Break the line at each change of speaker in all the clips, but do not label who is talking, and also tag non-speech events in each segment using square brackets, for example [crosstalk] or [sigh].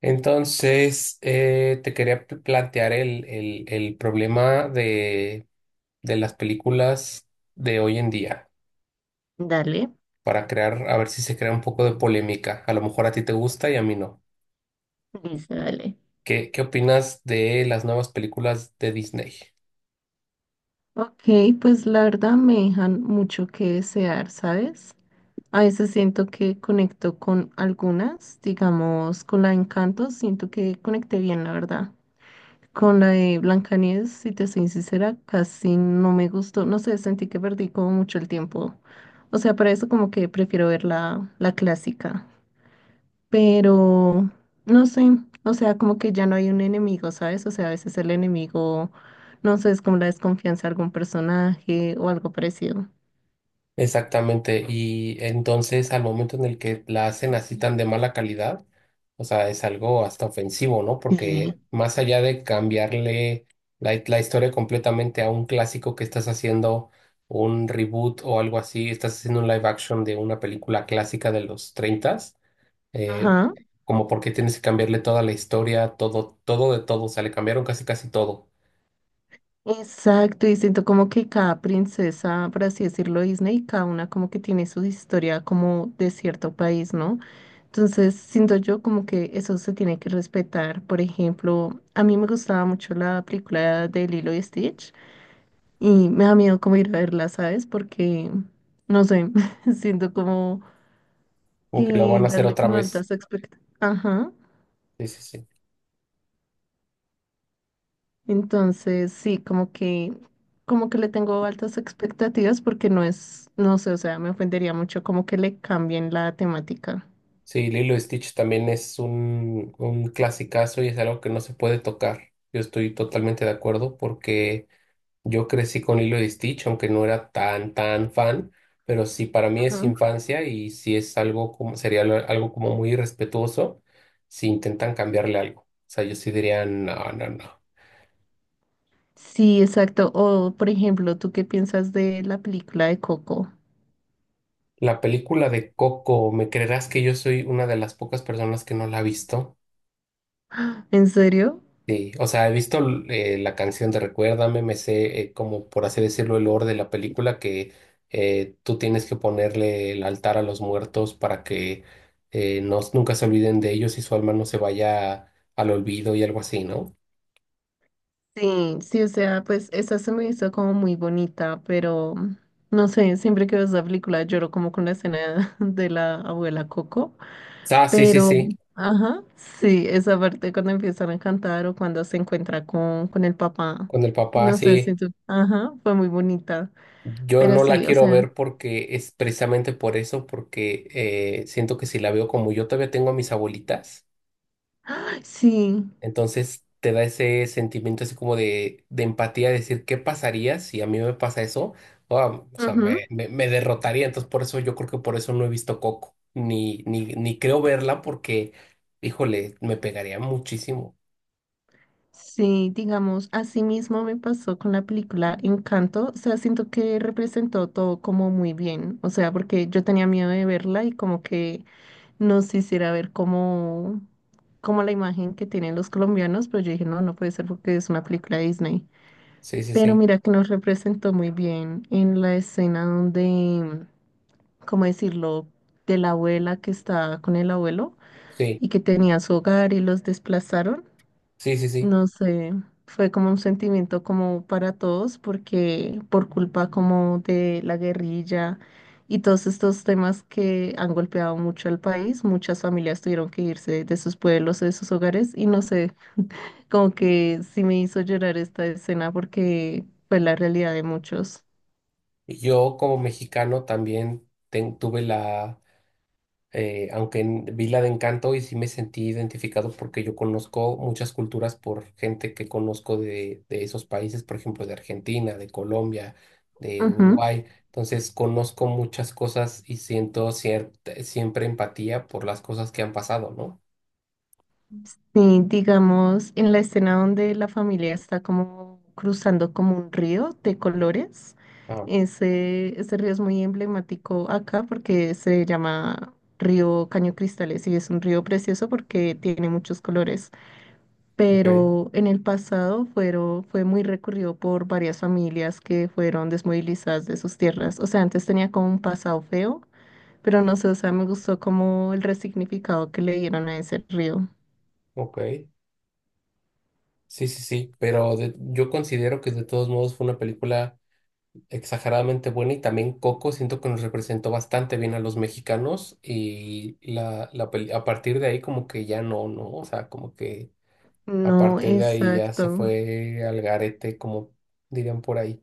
Entonces, te quería plantear el problema de las películas de hoy en día
Dale,
para crear, a ver si se crea un poco de polémica. A lo mejor a ti te gusta y a mí no.
listo, dale.
¿Qué opinas de las nuevas películas de Disney?
Ok, pues la verdad me dejan mucho que desear, ¿sabes? A veces siento que conecto con algunas, digamos, con la de Encanto, siento que conecté bien, la verdad. Con la de Blancanieves, si te soy sincera, casi no me gustó, no sé, sentí que perdí como mucho el tiempo. O sea, para eso como que prefiero ver la clásica. Pero no sé, o sea, como que ya no hay un enemigo, ¿sabes? O sea, a veces el enemigo, no sé, es como la desconfianza de algún personaje o algo parecido.
Exactamente, y entonces al momento en el que la hacen así tan de mala calidad, o sea, es algo hasta ofensivo, ¿no?
Sí.
Porque más allá de cambiarle la historia completamente a un clásico que estás haciendo un reboot o algo así, estás haciendo un live action de una película clásica de los 30, eh,
Ajá,
como porque tienes que cambiarle toda la historia, todo, todo de todo, o sea, le cambiaron casi casi todo,
exacto, y siento como que cada princesa, por así decirlo, Disney, cada una como que tiene su historia como de cierto país, ¿no? Entonces, siento yo como que eso se tiene que respetar. Por ejemplo, a mí me gustaba mucho la película de Lilo y Stitch. Y me da miedo como ir a verla, ¿sabes? Porque no sé, [laughs] siento como
como que lo
que
van a hacer
darle
otra
como
vez.
altas expectativas. Ajá.
Sí, sí, sí.
Entonces, sí, como que le tengo altas expectativas porque no es, no sé, o sea, me ofendería mucho como que le cambien la temática.
Sí, Lilo y Stitch también es un clasicazo y es algo que no se puede tocar. Yo estoy totalmente de acuerdo porque yo crecí con Lilo y Stitch, aunque no era tan fan, pero sí para mí es
Ajá.
infancia y sí es algo como, algo como muy irrespetuoso si intentan cambiarle algo. O sea, yo sí diría, no, no, no.
Sí, exacto. O, por ejemplo, ¿tú qué piensas de la película de Coco?
La película de Coco, ¿me creerás que yo soy una de las pocas personas que no la ha visto?
¿En serio?
Sí, o sea, he visto la canción de Recuérdame, me sé como por así decirlo el lore de la película que tú tienes que ponerle el altar a los muertos para que no, nunca se olviden de ellos y su alma no se vaya al olvido y algo así, ¿no?
Sí, sí, o sea, pues esa se me hizo como muy bonita, pero no sé, siempre que veo esa película lloro como con la escena [laughs] de la abuela Coco,
Ah, sí, sí,
pero,
sí,
ajá, sí, esa parte cuando empiezan a cantar o cuando se encuentra con el papá,
con el papá,
no sé,
sí.
siento, ajá, fue muy bonita,
Yo
pero
no la
sí, o
quiero
sea,
ver porque es precisamente por eso, porque siento que si la veo como yo todavía tengo a mis abuelitas.
sí.
Entonces te da ese sentimiento así como de empatía, de decir, ¿qué pasaría si a mí me pasa eso? Ah, o sea, me derrotaría. Entonces por eso yo creo que por eso no he visto Coco, ni, ni, ni creo verla porque, híjole, me pegaría muchísimo.
Sí, digamos, así mismo me pasó con la película Encanto, o sea, siento que representó todo como muy bien, o sea, porque yo tenía miedo de verla y como que no se hiciera ver como, como la imagen que tienen los colombianos, pero yo dije, no, no puede ser porque es una película de Disney.
Sí, sí,
Pero
sí,
mira que nos representó muy bien en la escena donde, ¿cómo decirlo?, de la abuela que está con el abuelo
sí,
y que tenía su hogar y los desplazaron.
sí, sí, sí.
No sé, fue como un sentimiento como para todos, porque por culpa como de la guerrilla y todos estos temas que han golpeado mucho al país, muchas familias tuvieron que irse de sus pueblos, de sus hogares, y no sé, como que sí me hizo llorar esta escena porque fue la realidad de muchos.
Y yo como mexicano también tuve la... aunque vi la de Encanto y sí me sentí identificado porque yo conozco muchas culturas por gente que conozco de esos países, por ejemplo, de Argentina, de Colombia, de
Ujú.
Uruguay. Entonces conozco muchas cosas y siento cierta, siempre empatía por las cosas que han pasado, ¿no?
Sí, digamos, en la escena donde la familia está como cruzando como un río de colores,
Ah,
ese río es muy emblemático acá porque se llama Río Caño Cristales y es un río precioso porque tiene muchos colores,
ok,
pero en el pasado fue muy recurrido por varias familias que fueron desmovilizadas de sus tierras. O sea, antes tenía como un pasado feo, pero no sé, o sea, me gustó como el resignificado que le dieron a ese río.
ok. Sí, sí, sí, pero yo considero que de todos modos fue una película exageradamente buena y también Coco siento que nos representó bastante bien a los mexicanos y a partir de ahí como que ya no, no, o sea, como que a
No,
partir de ahí ya se
exacto.
fue al garete, como dirían por ahí,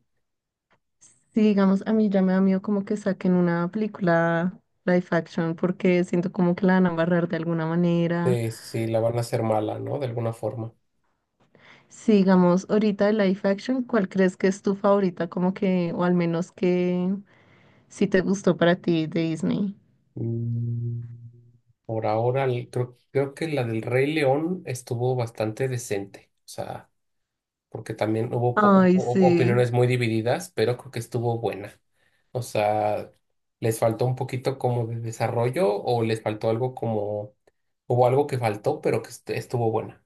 Sí, digamos, a mí ya me da miedo como que saquen una película live action porque siento como que la van a barrar de alguna manera.
de si la van a hacer mala, ¿no? De alguna forma.
Sí, digamos, ahorita de live action, ¿cuál crees que es tu favorita? Como que, o al menos que sí te gustó para ti de Disney.
Mm, Por ahora creo que la del Rey León estuvo bastante decente, o sea... porque también hubo
Ay, sí.
opiniones muy divididas, pero creo que estuvo buena. O sea, les faltó un poquito como de desarrollo o les faltó algo como, hubo algo que faltó, pero que estuvo buena.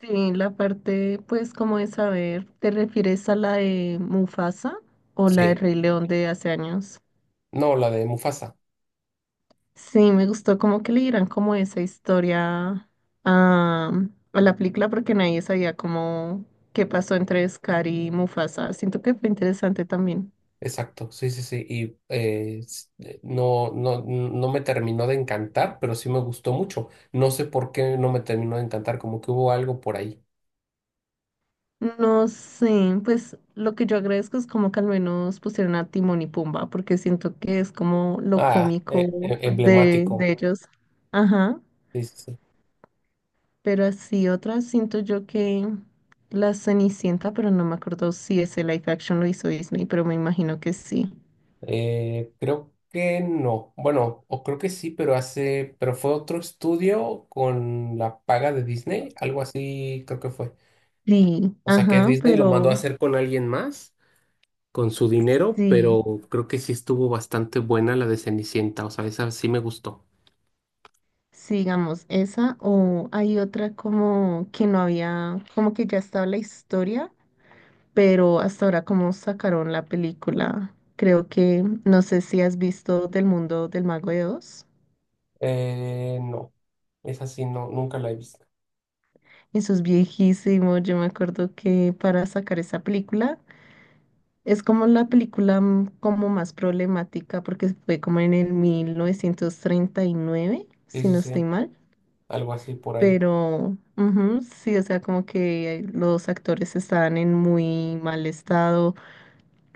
Sí, la parte, pues, como de saber, ¿te refieres a la de Mufasa o la de
Sí,
Rey León de hace años?
no, la de Mufasa,
Sí, me gustó como que le dieran como esa historia a, a la película porque nadie sabía cómo qué pasó entre Scar y Mufasa. Siento que fue interesante también.
exacto, sí, sí, sí, y no, no, no me terminó de encantar, pero sí me gustó mucho. No sé por qué no me terminó de encantar, como que hubo algo por ahí.
No sé, pues lo que yo agradezco es como que al menos pusieron a Timón y Pumba porque siento que es como lo
Ah,
cómico de
emblemático.
ellos. Ajá,
Sí, sí, sí.
pero así otras siento yo que La Cenicienta, pero no me acuerdo si ese live action lo hizo Disney, pero me imagino que sí.
Creo que no. Bueno, o creo que sí, pero hace, pero fue otro estudio con la paga de Disney, algo así creo que fue.
Sí,
O sea que
ajá,
Disney lo mandó a
pero
hacer con alguien más, con su dinero,
sí,
pero creo que sí estuvo bastante buena la de Cenicienta. O sea, esa sí me gustó.
sigamos esa o hay otra como que no había, como que ya estaba la historia, pero hasta ahora como sacaron la película. Creo que, no sé si has visto Del Mundo del Mago de Oz.
No, esa sí no, nunca la he visto.
Eso es viejísimo, yo me acuerdo que para sacar esa película es como la película como más problemática porque fue como en el 1939,
Sí,
si
sí,
no estoy
sí,
mal.
algo así por ahí.
Pero ujú, sí, o sea, como que los actores estaban en muy mal estado,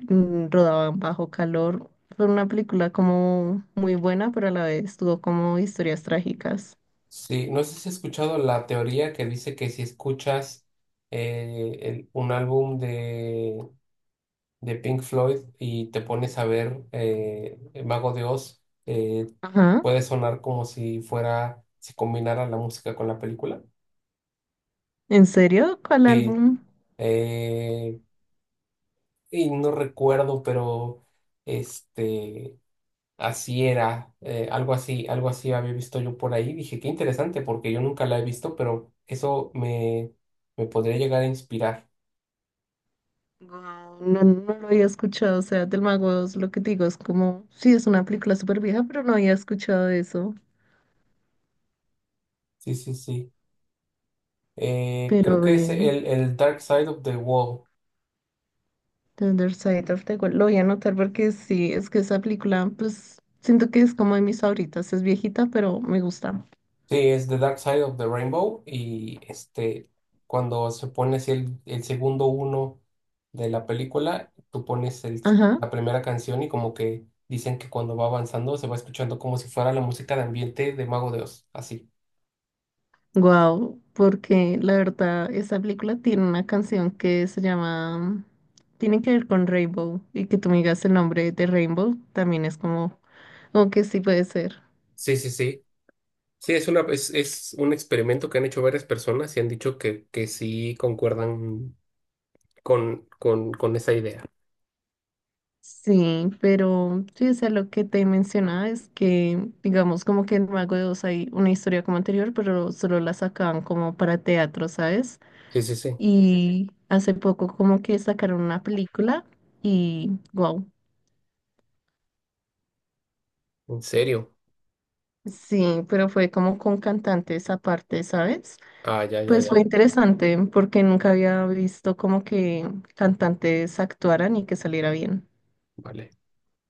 rodaban bajo calor. Fue una película como muy buena, pero a la vez tuvo como historias trágicas.
Sí, no sé si has escuchado la teoría que dice que si escuchas un álbum de Pink Floyd y te pones a ver el Mago de Oz,
Ajá.
puede sonar como si fuera, si combinara la música con la película.
¿En serio? ¿Cuál
Sí,
álbum?
eh, y no recuerdo, pero este, así era, algo así había visto yo por ahí. Dije, qué interesante, porque yo nunca la he visto, pero eso me podría llegar a inspirar.
Guau, no, no lo había escuchado, o sea, del Mago de Oz, lo que te digo es como, sí, es una película súper vieja, pero no había escuchado eso.
Sí, sí, sí. Creo
Pero
que es
ve.
el Dark Side of the Wall.
The Other Side of the Wall. Lo voy a anotar porque sí, es que esa película, pues siento que es como de mis favoritas. Es viejita, pero me gusta.
Sí, es The Dark Side of the Rainbow. Y este, cuando se pone así el segundo uno de la película, tú pones
Ajá.
la primera canción y como que dicen que cuando va avanzando se va escuchando como si fuera la música de ambiente de Mago de Oz. Así.
Wow, porque la verdad, esa película tiene una canción que se llama. Tiene que ver con Rainbow. Y que tú me digas el nombre de Rainbow también es como. Como que sí puede ser.
Sí, sí, sí. Sí, es una, es un experimento que han hecho varias personas y han dicho que sí concuerdan con esa idea.
Sí, pero sí, o sea, lo que te mencionaba es que, digamos, como que en Mago de Oz hay una historia como anterior, pero solo la sacaban como para teatro, ¿sabes?
Sí, sí, sí.
Y hace poco como que sacaron una película y wow.
¿En serio?
Sí, pero fue como con cantantes aparte, ¿sabes?
Ah, ya, ya,
Pues fue
ya.
interesante porque nunca había visto como que cantantes actuaran y que saliera bien.
Vale.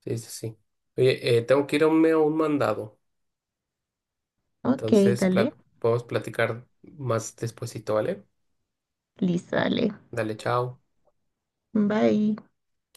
Sí, sí, sí. Oye, tengo que irme a un mandado.
Ok,
Entonces,
dale.
podemos platicar más despuesito, ¿vale?
Listo, dale.
Dale, chao.
Bye.